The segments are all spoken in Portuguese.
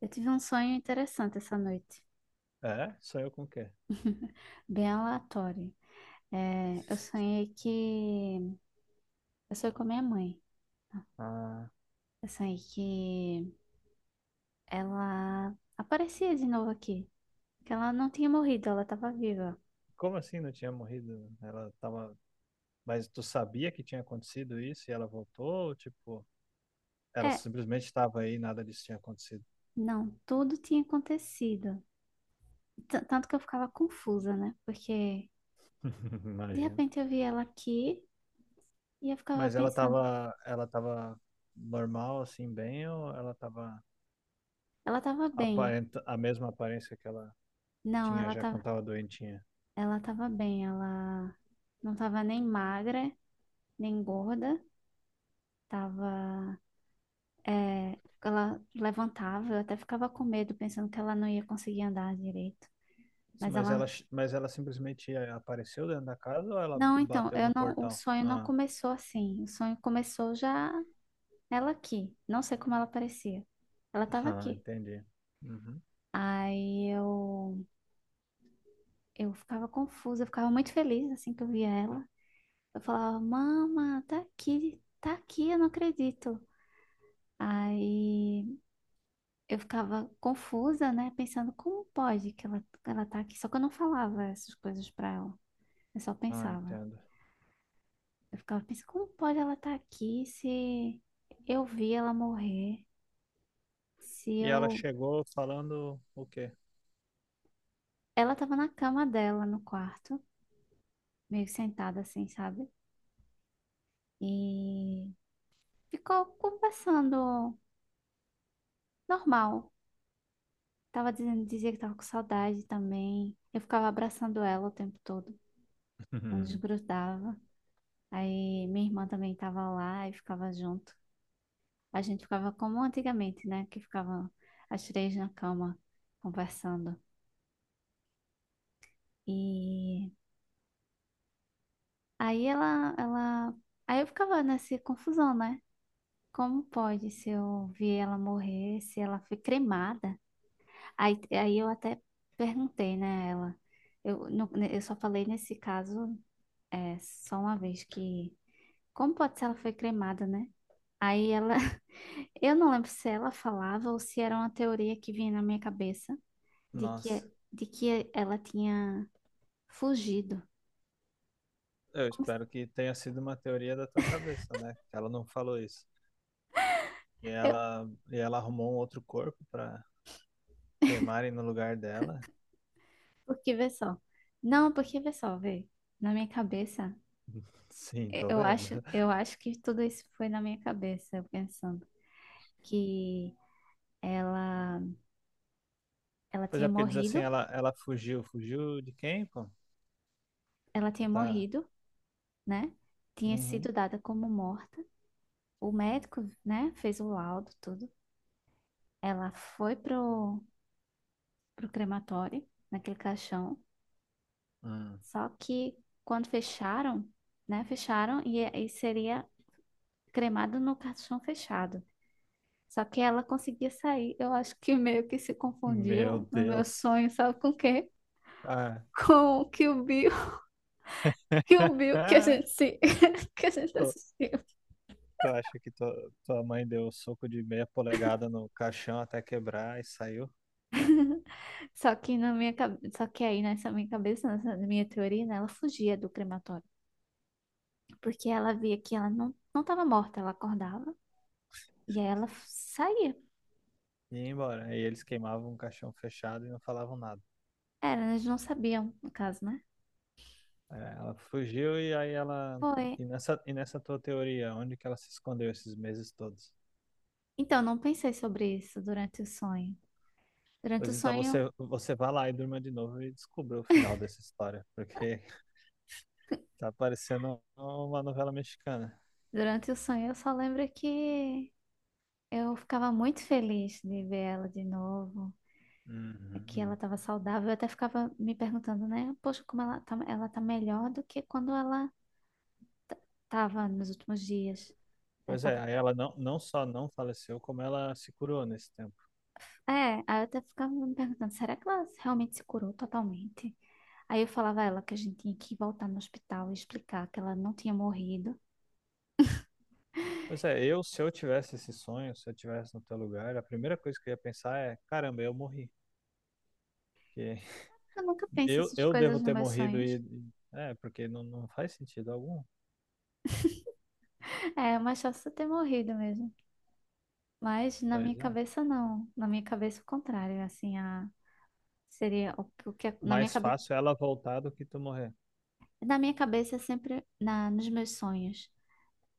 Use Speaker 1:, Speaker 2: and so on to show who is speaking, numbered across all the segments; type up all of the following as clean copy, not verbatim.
Speaker 1: Eu tive um sonho interessante essa noite,
Speaker 2: É? Sonhou com o quê?
Speaker 1: bem aleatório. Eu sonhei que. Eu sonhei com a minha mãe.
Speaker 2: Ah.
Speaker 1: Eu sonhei que ela aparecia de novo aqui. Que ela não tinha morrido, ela estava viva.
Speaker 2: Como assim não tinha morrido? Ela tava. Mas tu sabia que tinha acontecido isso e ela voltou? Ou, tipo, ela
Speaker 1: É,
Speaker 2: simplesmente estava aí e nada disso tinha acontecido.
Speaker 1: não, tudo tinha acontecido. Tanto que eu ficava confusa, né? Porque de
Speaker 2: Imagina.
Speaker 1: repente eu vi ela aqui e eu ficava
Speaker 2: Mas ela
Speaker 1: pensando,
Speaker 2: tava. Ela tava normal, assim, bem, ou ela tava
Speaker 1: ela estava bem.
Speaker 2: aparenta... a mesma aparência que ela
Speaker 1: Não,
Speaker 2: tinha
Speaker 1: ela
Speaker 2: já quando
Speaker 1: tá,
Speaker 2: tava doentinha?
Speaker 1: ela estava bem, ela não estava nem magra, nem gorda. Tava, é, ela levantava, eu até ficava com medo, pensando que ela não ia conseguir andar direito. Mas ela,
Speaker 2: Mas ela simplesmente apareceu dentro da casa ou ela
Speaker 1: não, então,
Speaker 2: bateu
Speaker 1: eu
Speaker 2: no
Speaker 1: não, o
Speaker 2: portão?
Speaker 1: sonho não
Speaker 2: Ah.
Speaker 1: começou assim. O sonho começou já ela aqui. Não sei como ela parecia. Ela estava
Speaker 2: Ah,
Speaker 1: aqui.
Speaker 2: entendi. Uhum.
Speaker 1: Aí eu, eu ficava confusa, eu ficava muito feliz assim que eu via ela. Eu falava, mama, tá aqui, eu não acredito. Aí eu ficava confusa, né? Pensando como pode que ela tá aqui. Só que eu não falava essas coisas pra ela. Eu só
Speaker 2: Ah,
Speaker 1: pensava.
Speaker 2: entendo.
Speaker 1: Eu ficava pensando, como pode ela estar aqui se eu vi ela morrer? Se
Speaker 2: E ela
Speaker 1: eu.
Speaker 2: chegou falando o quê?
Speaker 1: Ela tava na cama dela, no quarto, meio sentada assim, sabe? E ficou conversando normal. Tava dizendo, dizia que tava com saudade também. Eu ficava abraçando ela o tempo todo. Não desgrudava. Aí minha irmã também tava lá e ficava junto. A gente ficava como antigamente, né? Que ficavam as três na cama conversando. E aí aí eu ficava nessa confusão, né? Como pode se eu vi ela morrer, se ela foi cremada? Aí eu até perguntei, né, a ela. Eu, não- né, eu só falei nesse caso é, só uma vez que como pode ser ela foi cremada, né? Aí ela, eu não lembro se ela falava ou se era uma teoria que vinha na minha cabeça
Speaker 2: Nossa,
Speaker 1: de que ela tinha fugido.
Speaker 2: eu
Speaker 1: Como se-
Speaker 2: espero que tenha sido uma teoria da tua cabeça, né? Que ela não falou isso.
Speaker 1: Eu,
Speaker 2: E ela arrumou um outro corpo pra cremarem no lugar dela.
Speaker 1: porque vê só. Não, porque vê só, vê. Na minha cabeça,
Speaker 2: Sim,
Speaker 1: eu
Speaker 2: tô
Speaker 1: eu
Speaker 2: vendo.
Speaker 1: acho, eu acho que tudo isso foi na minha cabeça, eu pensando que ela, ela
Speaker 2: Pois é,
Speaker 1: tinha
Speaker 2: porque diz assim,
Speaker 1: morrido,
Speaker 2: ela fugiu. Fugiu de quem, pô?
Speaker 1: ela tinha
Speaker 2: Ela tá.
Speaker 1: morrido, né? Tinha
Speaker 2: Uhum.
Speaker 1: sido dada como morta. O médico, né, fez o laudo, tudo. Ela foi pro crematório, naquele caixão.
Speaker 2: Hum.
Speaker 1: Só que quando fecharam, né? Fecharam e seria cremada no caixão fechado. Só que ela conseguia sair. Eu acho que meio que se
Speaker 2: Meu
Speaker 1: confundiu no meu
Speaker 2: Deus.
Speaker 1: sonho, sabe com o quê?
Speaker 2: Ah.
Speaker 1: Com o Kill Bill, Kill Bill que a gente se, que a gente
Speaker 2: Tu,
Speaker 1: assistiu.
Speaker 2: tu acha que tua, tua mãe deu um soco de meia polegada no caixão até quebrar e saiu?
Speaker 1: Só que na minha cabeça, só que aí nessa minha cabeça, nessa minha teoria, né, ela fugia do crematório, porque ela via que ela não estava morta, ela acordava e aí ela saía.
Speaker 2: E ia embora. Aí eles queimavam um caixão fechado e não falavam nada.
Speaker 1: Era, eles não sabiam, no caso, né?
Speaker 2: É, ela fugiu e aí ela.
Speaker 1: Foi.
Speaker 2: E nessa tua teoria, onde que ela se escondeu esses meses todos?
Speaker 1: Então, não pensei sobre isso durante o sonho. Durante o
Speaker 2: Pois então
Speaker 1: sonho,
Speaker 2: você, você vá lá e durma de novo e descubra o final dessa história, porque tá parecendo uma novela mexicana.
Speaker 1: Durante o sonho, eu só lembro que eu ficava muito feliz de ver ela de novo, é que ela
Speaker 2: Uhum.
Speaker 1: estava saudável. Eu até ficava me perguntando, né? Poxa, como ela tá melhor do que quando ela t- tava nos últimos dias. Ela
Speaker 2: Pois é,
Speaker 1: tava...
Speaker 2: aí ela não, não só não faleceu, como ela se curou nesse tempo.
Speaker 1: É, aí eu até ficava me perguntando, será que ela realmente se curou totalmente? Aí eu falava a ela que a gente tinha que voltar no hospital e explicar que ela não tinha morrido.
Speaker 2: Pois é, eu, se eu tivesse esse sonho, se eu tivesse no teu lugar, a primeira coisa que eu ia pensar é: caramba, eu morri. Porque
Speaker 1: Eu nunca penso
Speaker 2: Eu,
Speaker 1: essas
Speaker 2: eu
Speaker 1: coisas
Speaker 2: devo
Speaker 1: nos
Speaker 2: ter
Speaker 1: meus
Speaker 2: morrido
Speaker 1: sonhos.
Speaker 2: e. É, porque não, não faz sentido algum.
Speaker 1: É, mas só se eu ter morrido mesmo. Mas na
Speaker 2: Pois
Speaker 1: minha
Speaker 2: é.
Speaker 1: cabeça não. Na minha cabeça o contrário, assim, a seria o que é,
Speaker 2: Mais fácil ela voltar do que tu morrer.
Speaker 1: na minha cabeça é sempre na nos meus sonhos,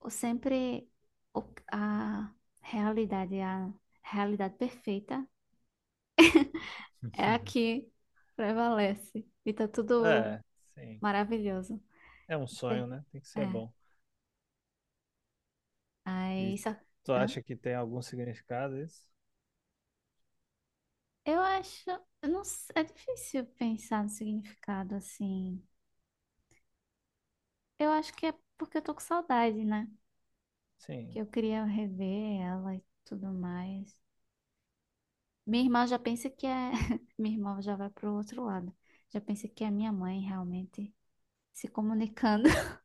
Speaker 1: o sempre o- a a realidade perfeita é a que prevalece e tá tudo
Speaker 2: É, sim.
Speaker 1: maravilhoso.
Speaker 2: É um
Speaker 1: É.
Speaker 2: sonho, né? Tem que ser
Speaker 1: É.
Speaker 2: bom.
Speaker 1: Aí
Speaker 2: E
Speaker 1: só,
Speaker 2: tu
Speaker 1: hã?
Speaker 2: acha que tem algum significado isso?
Speaker 1: Eu acho, eu não, é difícil pensar no significado assim. Eu acho que é porque eu tô com saudade, né? Que
Speaker 2: Sim.
Speaker 1: eu queria rever ela e tudo mais. Minha irmã já pensa que é. Minha irmã já vai pro outro lado. Já pensa que é minha mãe realmente se comunicando.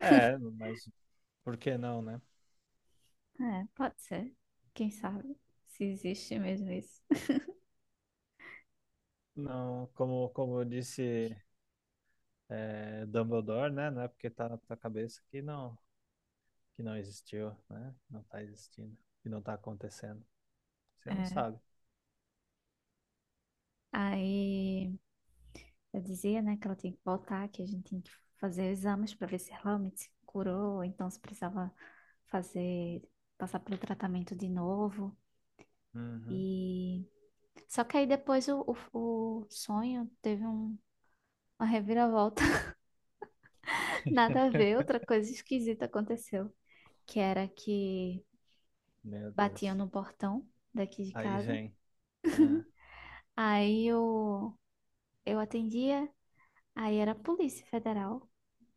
Speaker 2: É, mas por que não, né?
Speaker 1: É, pode ser. Quem sabe se existe mesmo isso.
Speaker 2: Não, como, como eu disse é, Dumbledore, né? Não é porque tá na tua cabeça que não existiu, né? Não tá existindo, que não tá acontecendo. Você não
Speaker 1: É.
Speaker 2: sabe.
Speaker 1: Aí eu dizia, né, que ela tinha que voltar, que a gente tinha que fazer exames para ver se realmente se curou, ou então se precisava fazer, passar pelo tratamento de novo.
Speaker 2: Uhum.
Speaker 1: E só que aí depois o sonho teve um uma reviravolta, nada a ver, outra coisa esquisita aconteceu, que era que
Speaker 2: Meu
Speaker 1: batiam
Speaker 2: Deus.
Speaker 1: no portão daqui de
Speaker 2: Aí
Speaker 1: casa.
Speaker 2: vem. Ah,
Speaker 1: Aí eu, eu atendia, aí era a Polícia Federal,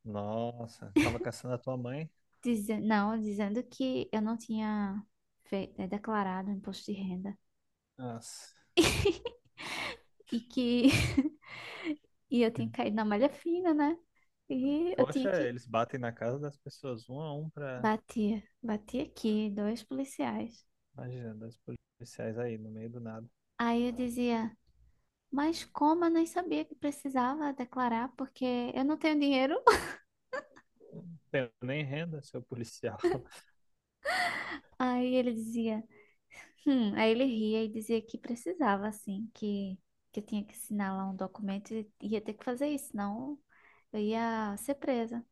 Speaker 2: nossa, tava caçando a tua mãe?
Speaker 1: não, dizendo que eu não tinha declarado imposto de renda
Speaker 2: Nossa.
Speaker 1: e que e eu tinha caído na malha fina, né? E eu tinha
Speaker 2: Poxa,
Speaker 1: que
Speaker 2: eles batem na casa das pessoas um a um pra.
Speaker 1: batia, batia aqui, dois policiais.
Speaker 2: Imagina, dois policiais aí no meio do nada.
Speaker 1: Aí eu dizia mas como eu nem sabia que precisava declarar, porque eu não tenho dinheiro.
Speaker 2: Tenho nem renda, seu policial.
Speaker 1: Aí ele dizia, aí ele ria e dizia que precisava, assim, que eu tinha que assinar lá um documento e ia ter que fazer isso, senão eu ia ser presa.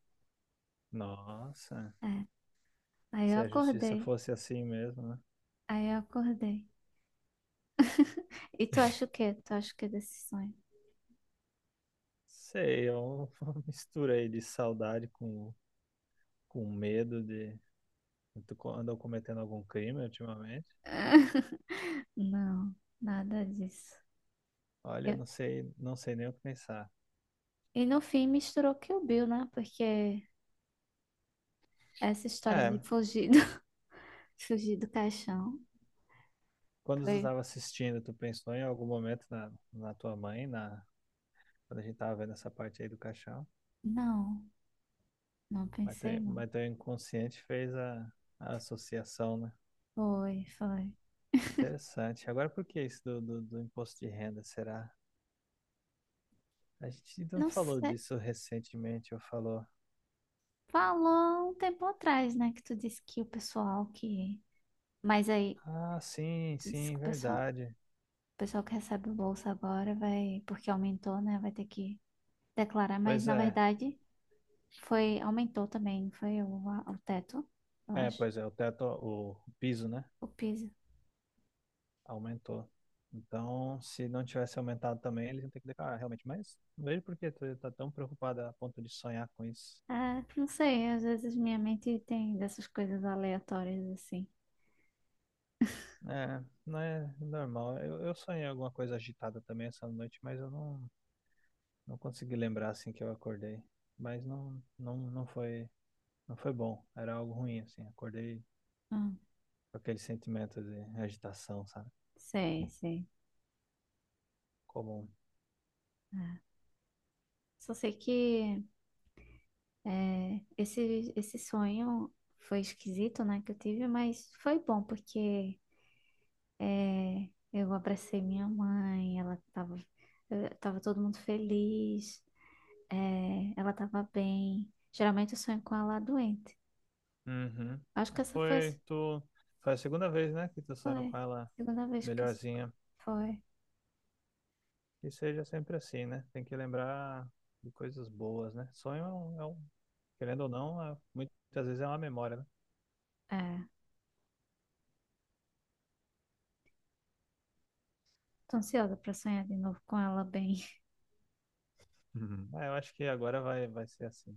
Speaker 2: Nossa,
Speaker 1: É. Aí eu
Speaker 2: se a justiça
Speaker 1: acordei,
Speaker 2: fosse assim mesmo, né?
Speaker 1: aí eu acordei. E tu acha o quê? Tu acha o quê desse sonho?
Speaker 2: Sei, é um, uma mistura aí de saudade com medo de. Andou cometendo algum crime ultimamente?
Speaker 1: Não, nada disso.
Speaker 2: Olha, eu
Speaker 1: Eu-
Speaker 2: não sei, não sei nem o que pensar.
Speaker 1: E no fim misturou Kill Bill, né? Porque essa história
Speaker 2: É,
Speaker 1: de fugir do caixão
Speaker 2: quando tu
Speaker 1: foi.
Speaker 2: estava assistindo, tu pensou em algum momento na, na tua mãe, na, quando a gente estava vendo essa parte aí do caixão.
Speaker 1: Não, não pensei não.
Speaker 2: Mas teu inconsciente fez a associação, né?
Speaker 1: Foi, foi.
Speaker 2: Interessante. Agora, por que isso do, do imposto de renda, será? A gente não
Speaker 1: Não
Speaker 2: falou
Speaker 1: sei.
Speaker 2: disso recentemente, ou falou?
Speaker 1: Falou um tempo atrás, né? Que tu disse que o pessoal que. Mas aí,
Speaker 2: Ah, sim,
Speaker 1: tu disse que
Speaker 2: sim, verdade.
Speaker 1: o pessoal que recebe o bolsa agora vai. Porque aumentou, né? Vai ter que declarar. Mas
Speaker 2: Pois
Speaker 1: na
Speaker 2: é.
Speaker 1: verdade, foi. Aumentou também, não foi o teto, eu
Speaker 2: É,
Speaker 1: acho.
Speaker 2: pois é, o teto, o piso, né?
Speaker 1: O piso.
Speaker 2: Aumentou. Então, se não tivesse aumentado também, eles iam ter que declarar, realmente. Mas não vejo por que tu tá tão preocupado a ponto de sonhar com isso.
Speaker 1: Ah, não sei. Às vezes minha mente tem dessas coisas aleatórias assim.
Speaker 2: É, não é normal. Eu sonhei alguma coisa agitada também essa noite, mas eu não, não consegui lembrar assim que eu acordei. Mas não, não, não foi, não foi bom. Era algo ruim assim. Acordei
Speaker 1: Hum,
Speaker 2: com aquele sentimento de agitação, sabe?
Speaker 1: sei, sei.
Speaker 2: Comum.
Speaker 1: É. Só sei que. É, esse sonho foi esquisito, né, que eu tive, mas foi bom, porque é, eu abracei minha mãe, ela tava, tava todo mundo feliz, é, ela tava bem. Geralmente eu sonho com ela doente.
Speaker 2: Uhum.
Speaker 1: Acho que essa foi,
Speaker 2: Foi tu, foi a segunda vez, né, que tu sonhou
Speaker 1: foi
Speaker 2: com ela
Speaker 1: a segunda vez que eu,
Speaker 2: melhorzinha.
Speaker 1: foi.
Speaker 2: Que seja sempre assim, né? Tem que lembrar de coisas boas, né? Sonho é um- querendo ou não, é- muitas vezes é uma memória, né?
Speaker 1: É, tô ansiosa pra sonhar de novo com ela bem.
Speaker 2: Uhum. Ah, eu acho que agora vai, vai ser assim.